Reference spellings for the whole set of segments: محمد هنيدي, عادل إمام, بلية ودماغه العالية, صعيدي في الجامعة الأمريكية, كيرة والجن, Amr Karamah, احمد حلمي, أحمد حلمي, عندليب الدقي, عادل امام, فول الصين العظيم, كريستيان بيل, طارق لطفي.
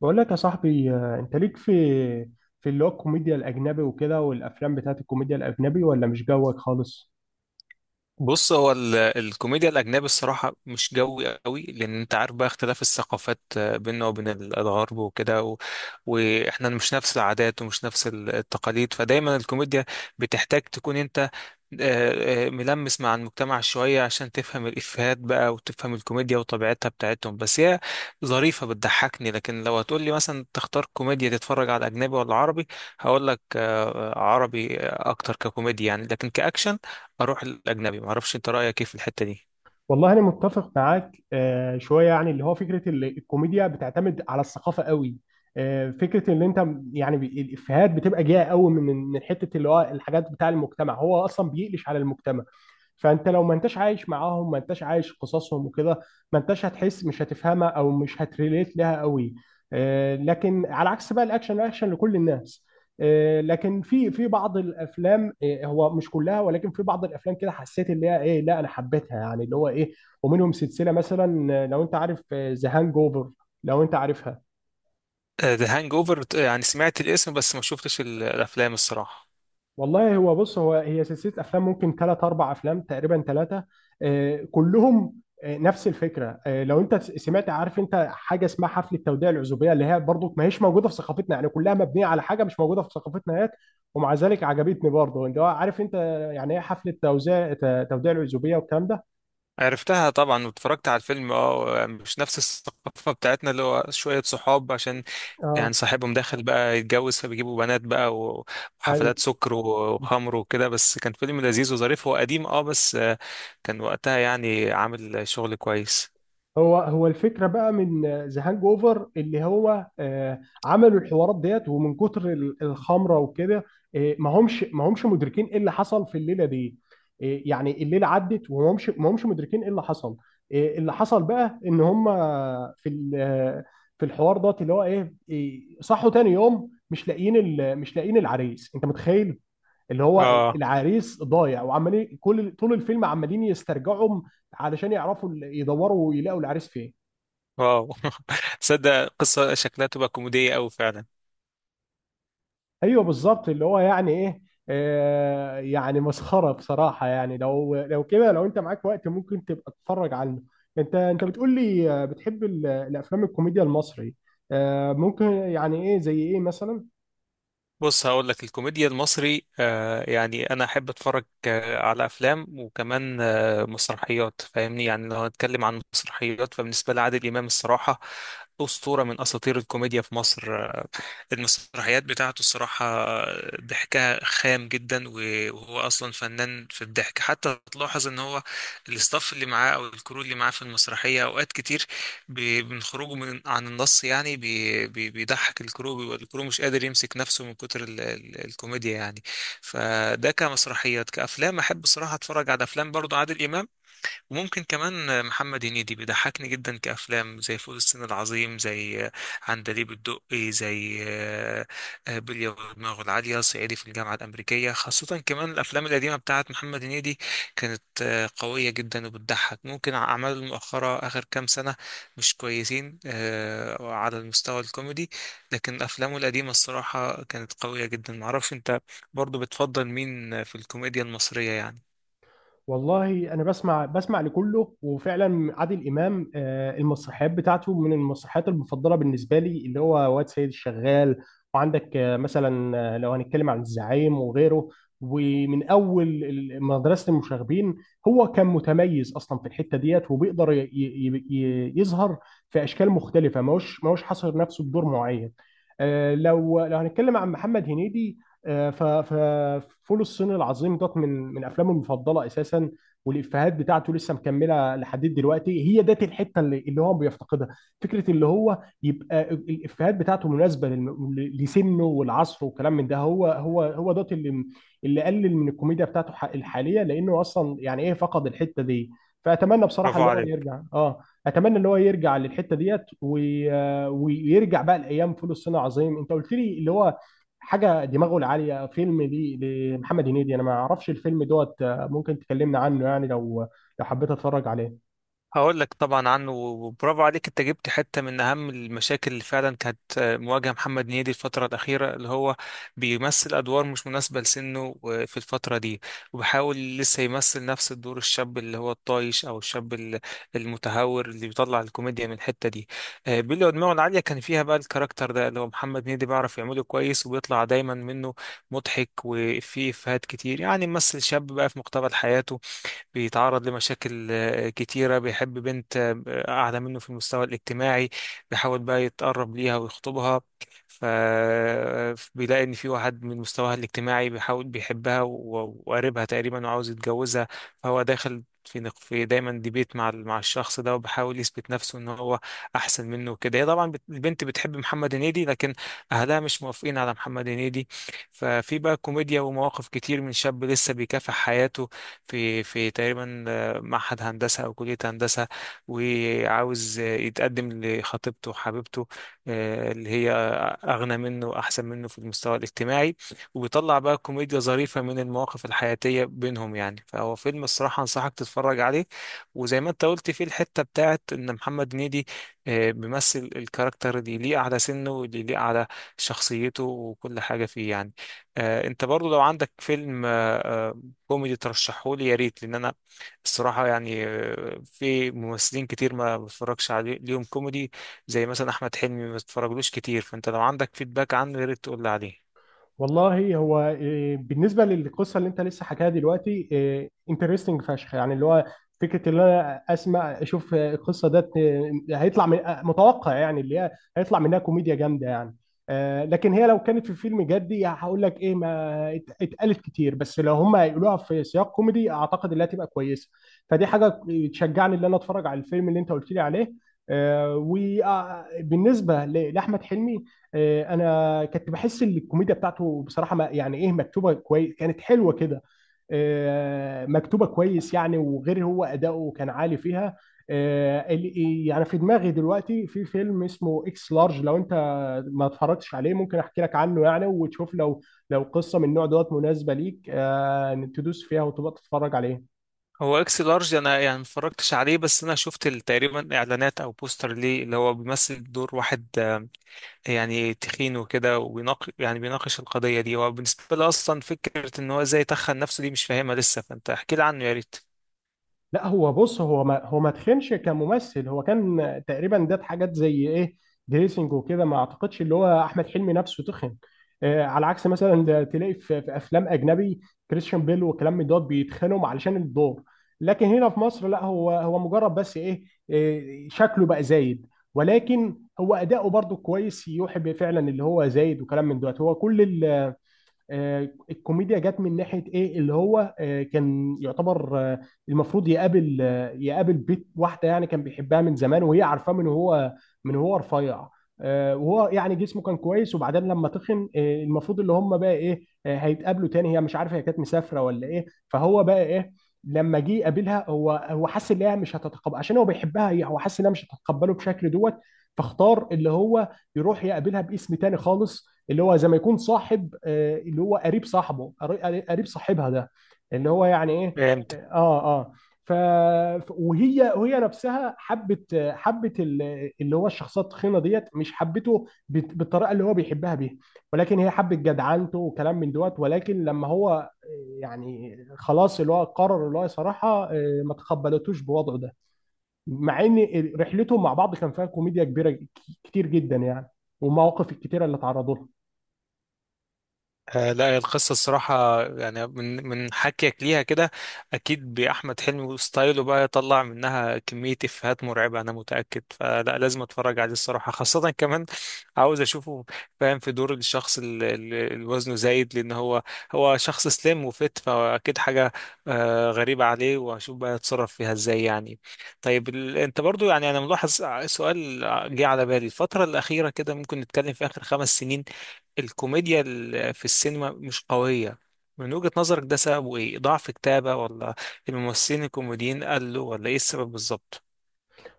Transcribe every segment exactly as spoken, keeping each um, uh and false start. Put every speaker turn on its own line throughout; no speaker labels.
بقول لك يا صاحبي، آه، انت ليك في في اللي هو الكوميديا الاجنبي وكده، والافلام بتاعت الكوميديا الاجنبي، ولا مش جوك خالص؟
بص، هو ال- الكوميديا الأجنبي الصراحة مش جوي قوي، لأن أنت عارف بقى اختلاف الثقافات، آه، بيننا وبين ال- الغرب وكده، و... وإحنا مش نفس العادات ومش نفس ال- التقاليد. فدايما الكوميديا بتحتاج تكون أنت آه، آه، ملمس مع المجتمع شوية عشان تفهم الإفيهات بقى وتفهم الكوميديا وطبيعتها بتاعتهم. بس هي ظريفة بتضحكني. لكن لو هتقول لي مثلا تختار كوميديا تتفرج على أجنبي ولا عربي، هقول لك آه، عربي أكتر ككوميديا يعني، لكن كأكشن اروح الاجنبي. ما اعرفش انت رايك ايه في الحته دي؟
والله انا متفق معاك آه، شويه، يعني اللي هو فكره ال- الكوميديا بتعتمد على الثقافه قوي. آه، فكره ان انت م- يعني بي- الافيهات بتبقى جايه قوي من من حته اللي هو الحاجات بتاع المجتمع، هو اصلا بيقلش على المجتمع. فانت لو ما انتش عايش معاهم، ما انتش عايش قصصهم وكده، ما انتش هتحس، مش هتفهمها او مش هتريليت لها قوي. آه، لكن على عكس بقى، الاكشن الاكشن لكل الناس. آه، لكن في في بعض الافلام، آه، هو مش كلها، ولكن في بعض الافلام كده حسيت اللي هي ايه، لا، انا حبيتها، يعني اللي هو ايه، ومنهم سلسله مثلا، آه، لو انت عارف ذا هانج اوفر، لو انت عارفها.
ذا هانج اوفر، يعني سمعت الاسم بس ما شفتش ال- الافلام الصراحه.
والله هو بص، هو هي سلسلة أفلام، ممكن ثلاث أربع أفلام، تقريبا ثلاثة كلهم. آه، نفس الفكرة. آه، لو أنت س- سمعت، عارف أنت حاجة اسمها حفلة توديع العزوبية، اللي هي برضو ما هيش موجودة في ثقافتنا، يعني كلها مبنية على حاجة مش موجودة في ثقافتنا هيك، ومع ذلك عجبتني برضو. أنت عارف أنت يعني إيه حفلة توزيع ت- توديع العزوبية والكلام ده؟
عرفتها طبعا واتفرجت على الفيلم. اه، مش نفس الثقافه بتاعتنا. اللي هو شويه صحاب، عشان
أه،
يعني صاحبهم داخل بقى يتجوز، فبيجيبوا بنات بقى و- وحفلات
أيوه.
سكر و- وخمر وكده. بس كان فيلم لذيذ وظريف. هو قديم اه بس آه، كان وقتها يعني عامل شغل كويس.
هو هو الفكره بقى من ذا هانج اوفر، اللي هو آه، عملوا الحوارات ديت، ومن كتر ال- الخمره وكده، آه، ما همش ما همش مدركين ايه اللي حصل في الليله دي. آه، يعني الليله عدت، وما همش ما همش مدركين ايه اللي حصل. آه، اللي حصل بقى ان هم في ال- آه، في الحوار دوت اللي هو ايه. آه، صحوا تاني يوم، مش لاقيين ال- مش لاقيين العريس، انت متخيل؟ اللي هو
اه،
العريس ضايع، وعمالين كل طول الفيلم عمالين يسترجعوا علشان يعرفوا، ال- يدوروا ويلاقوا العريس فين.
واو، تصدق قصة شكلها تبقى كوميدية أوي فعلا.
ايوه بالظبط، اللي هو يعني ايه، آه، يعني مسخره بصراحه، يعني لو لو كده، لو انت معاك وقت، ممكن تبقى تتفرج عنه. انت انت بتقول لي آه، بتحب ال- الافلام الكوميديا المصري. آه، ممكن يعني ايه زي ايه مثلا؟
بص، هقول لك الكوميديا المصري آه يعني انا احب اتفرج آه على افلام، وكمان آه مسرحيات فاهمني. يعني لو هنتكلم عن مسرحيات، فبالنسبه لي عادل امام الصراحه اسطوره من اساطير الكوميديا في مصر. المسرحيات بتاعته الصراحة ضحكها خام جدا، و- وهو أصلا فنان في الضحك. حتى تلاحظ إن هو الاستاف اللي معاه أو الكرو اللي معاه في المسرحية أوقات كتير بي- من خروجه من عن النص، يعني بي بي بيضحك الكرو، بيبقى الكرو مش قادر يمسك نفسه من كتر ال ال الكوميديا يعني. فده كمسرحيات. كأفلام أحب الصراحة أتفرج على أفلام برضه عادل إمام. وممكن كمان محمد هنيدي بيضحكني جدا، كأفلام زي فول الصين العظيم، زي عندليب الدقي، زي آه، آه، بلية ودماغه العالية، صعيدي في الجامعة الأمريكية. خاصة كمان الأفلام القديمة بتاعت محمد هنيدي كانت آه، قوية جدا وبتضحك. ممكن أعماله المؤخرة آخر كام سنة مش كويسين آه، على المستوى الكوميدي. لكن أفلامه القديمة الصراحة كانت قوية جدا. معرفش أنت برضو بتفضل مين في الكوميديا المصرية يعني؟
والله انا بسمع بسمع لكله، وفعلا عادل امام، آه، المسرحيات بتاعته من المسرحيات المفضله بالنسبه لي، اللي هو واد سيد الشغال. وعندك آه، مثلا، آه، لو هنتكلم عن الزعيم وغيره، ومن اول ال- مدرسه المشاغبين. هو كان متميز اصلا في الحته ديت، وبيقدر ي- ي- ي- يظهر في اشكال مختلفه. ماهوش ماهوش حاصر نفسه بدور معين. آه، لو لو هنتكلم عن محمد هنيدي، ففول الصين العظيم دوت من من افلامه المفضله اساسا، والافيهات بتاعته لسه مكمله لحد دلوقتي. هي ديت الحته اللي اللي هو بيفتقدها. فكره اللي هو يبقى ال- الافيهات بتاعته مناسبه للم- ل- لسنه والعصر وكلام من ده، هو هو هو دوت اللي اللي قلل من الكوميديا بتاعته ح- الحاليه، لانه اصلا يعني ايه فقد الحته دي. فاتمنى بصراحه
برافو
اللي هو
عليك.
يرجع، اه. اتمنى اللي هو يرجع للحته ديت، وي- آه، ويرجع بقى لايام فول الصين العظيم. انت قلت لي اللي هو حاجه دماغه العاليه، فيلم لي لمحمد هنيدي، انا ما اعرفش الفيلم دوت. آه، ممكن تكلمنا عنه يعني، لو لو حبيت اتفرج عليه.
هقول لك طبعا عنه. وبرافو عليك، انت جبت حته من اهم المشاكل اللي فعلا كانت آه، مواجهه محمد هنيدي الفتره الاخيره، اللي هو بيمثل ادوار مش مناسبه لسنه آه، في الفتره دي. وبيحاول لسه يمثل نفس الدور الشاب، اللي هو الطايش او الشاب ال- المتهور، اللي بيطلع الكوميديا من الحته دي. آه، بيلي ودماغه العاليه كان فيها بقى الكاركتر ده اللي هو محمد هنيدي بيعرف يعمله كويس، وبيطلع دايما منه مضحك، وفيه افيهات كتير. يعني ممثل شاب بقى في مقتبل حياته بيتعرض لمشاكل آه، كتيرة، بيحب بنت آه، أعلى منه في المستوى الاجتماعي، بيحاول بقى يتقرب ليها ويخطبها. فبيلاقي إن في واحد من مستواها الاجتماعي بيحاول بيحبها و- وقريبها تقريبا، وعاوز يتجوزها. فهو داخل في نق- في دايما ديبيت مع ال- مع الشخص ده، وبحاول يثبت نفسه ان هو احسن منه وكده. هي طبعا بت- البنت بتحب محمد هنيدي، لكن اهلها مش موافقين على محمد هنيدي. ففي بقى كوميديا ومواقف كتير من شاب لسه بيكافح حياته في في تقريبا آه، معهد هندسة أو كلية هندسة. وعاوز آه، يتقدم لخطيبته حبيبته، آه، اللي هي أغنى منه وأحسن منه في المستوى الاجتماعي. وبيطلع بقى كوميديا ظريفة من المواقف الحياتية بينهم يعني. فهو فيلم الصراحة أنصحك تتفرج عليه. وزي ما أنت قلت، فيه الحتة بتاعت إن محمد هنيدي آه، بيمثل الكاركتر اللي يليق على سنه واللي يليق على شخصيته وكل حاجة فيه يعني. آه، أنت برضو لو عندك فيلم آه، آه، كوميدي ترشحهولي يا ريت. لأن أنا الصراحة يعني آه، في ممثلين كتير ما بتفرجش عليهم كوميدي، زي مثلا احمد حلمي ما اتفرجلوش كتير. فانت لو عندك فيدباك عنه يا ريت تقول لي عليه.
والله هو إيه، بالنسبه للقصه اللي انت لسه حكاها دلوقتي، انترستنج فشخ، يعني اللي هو فكره اللي انا اسمع، اشوف آه، القصه ده هيطلع من آه، متوقع، يعني اللي هي هيطلع منها كوميديا جامده، يعني. آه، لكن هي لو كانت في فيلم جدي، هقول لك ايه، ما ات- اتقالت كتير. بس لو هم هيقولوها في سياق كوميدي، اعتقد انها تبقى كويسه. فدي حاجه تشجعني ان انا اتفرج على الفيلم اللي انت قلت لي عليه. وبالنسبه لاحمد حلمي، آه، انا كنت بحس ان الكوميديا بتاعته بصراحه ما يعني ايه، مكتوبه كويس، كانت حلوه كده. آه، مكتوبه كويس يعني، وغير هو اداؤه كان عالي فيها. آه، ال- يعني في دماغي دلوقتي في فيلم اسمه اكس لارج، لو انت ما اتفرجتش عليه، ممكن احكي لك عنه يعني، وتشوف لو لو قصه من النوع دوت مناسبه ليك، آه، تدوس فيها وتبقى تتفرج عليه.
هو اكس لارج، انا يعني ما اتفرجتش عليه. بس انا شفت ال- تقريبا اعلانات او بوستر ليه، اللي هو بيمثل دور واحد آه، يعني تخين وكده، وبيناقش، يعني بيناقش القضية دي. هو بالنسبة لي اصلا فكرة ان هو ازاي تخن نفسه دي مش فاهمها لسه. فانت احكي لي عنه يا ريت.
لا هو بص، هو ما هو ما تخنش كممثل. هو كان تقريبا ده حاجات زي ايه، دريسنج وكده، ما اعتقدش اللي هو احمد حلمي نفسه تخن. آه على عكس مثلا، ده تلاقي في, في افلام اجنبي، كريستيان بيل والكلام من دوت، بيتخانهم علشان الدور. لكن هنا في مصر لا، هو هو مجرد بس ايه، آه، شكله بقى زايد، ولكن هو اداؤه برضو كويس، يوحي بفعلا اللي هو زايد وكلام من دوت. هو كل آه، الكوميديا جت من ناحيه ايه، اللي هو آه، كان يعتبر آه، المفروض يقابل آه، يقابل بيت واحده، يعني كان بيحبها من زمان، وهي عارفاه من هو من هو رفيع. آه، وهو يعني جسمه كان كويس، وبعدين لما تخن، آه، المفروض اللي هم بقى ايه، آه، هيتقابلوا تاني. هي مش عارفه، هي كانت مسافره ولا ايه. فهو بقى ايه، لما جه يقابلها، هو هو حس ان هي مش هتتقبل، عشان هو بيحبها هي، هو حس انها مش هتتقبله بشكل دوت. فاختار اللي هو يروح يقابلها باسم تاني خالص، اللي هو زي ما يكون صاحب، آه، اللي هو قريب صاحبه قري- قريب صاحبها ده، اللي هو يعني ايه،
فاهم.
اه اه. آه. ف ف- وهي وهي نفسها حبت حبت ال- اللي هو الشخصيه التخينه ديت، مش حبته بت- بالطريقه اللي هو بيحبها بيها، ولكن هي حبت جدعنته وكلام من دوت. ولكن لما هو آه، يعني خلاص اللي هو قرر، اللي هو صراحه آه، ما تقبلتوش بوضعه ده، مع ان رحلتهم مع بعض كان فيها كوميديا كبيره، ك- كتير جدا يعني، والمواقف الكتيره اللي اتعرضوا لها.
آه، لا، هي القصة الصراحة يعني من من حكيك ليها كده أكيد بأحمد حلمي وستايله بقى يطلع منها كمية إفيهات مرعبة أنا متأكد. فلا لازم أتفرج عليه الصراحة، خاصة كمان عاوز أشوفه فاهم في دور الشخص اللي وزنه زايد. لأن هو هو شخص سليم وفت، فأكيد حاجة آه، غريبة عليه. وأشوف بقى يتصرف فيها إزاي يعني. طيب، ال... أنت برضو يعني أنا ملاحظ سؤال جه على بالي الفترة الأخيرة كده. ممكن نتكلم في آخر خمس سنين الكوميديا ال- في السينما مش قوية. من وجهة نظرك ده سببه ايه؟ ضعف كتابة ولا الممثلين الكوميديين قلوا ولا ايه السبب بالظبط؟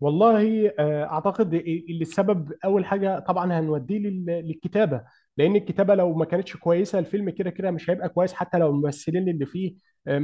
والله، آه، اعتقد إيه، اللي السبب اول حاجه طبعا هنوديه لل- للكتابه، لان الكتابه لو ما كانتش كويسه، الفيلم كده كده مش هيبقى كويس حتى لو الممثلين اللي فيه آه،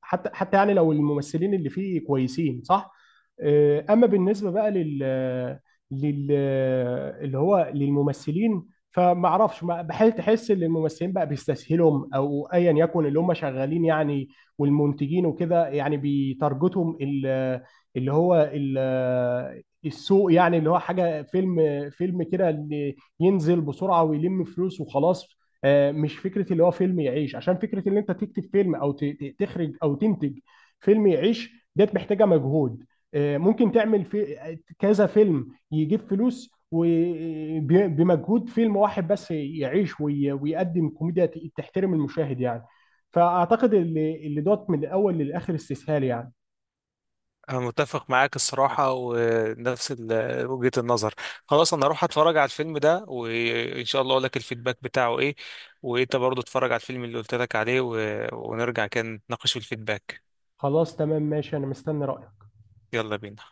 حتى حتى يعني لو الممثلين اللي فيه كويسين، صح. آه، اما بالنسبه بقى لل لل اللي هو للممثلين، فما اعرفش، ما- بحيث تحس ان الممثلين بقى بيستسهلهم، او ايا يكن اللي هم شغالين يعني، والمنتجين وكده. يعني بيتارجتهم ال- اللي هو ال- السوق، يعني اللي هو حاجه فيلم فيلم كده، اللي ينزل بسرعه ويلم فلوس وخلاص. آه، مش فكره اللي هو فيلم يعيش، عشان فكره ان انت تكتب فيلم او ت- ت- تخرج او تنتج فيلم يعيش، ديت محتاجه مجهود. آه، ممكن تعمل في كذا فيلم يجيب فلوس، وبمجهود فيلم واحد بس يعيش وي- ويقدم كوميديا ت- تحترم المشاهد يعني. فاعتقد اللي اللي دوت من الاول للاخر استسهال يعني.
انا متفق معاك الصراحة ونفس ال- وجهة النظر. خلاص، انا اروح اتفرج على الفيلم ده وان شاء الله اقول لك الفيدباك بتاعه ايه. وانت برضو اتفرج على الفيلم اللي قلت لك عليه و... ونرجع كده نتناقش في الفيدباك.
خلاص تمام، ماشي، انا مستني رايك.
يلا بينا.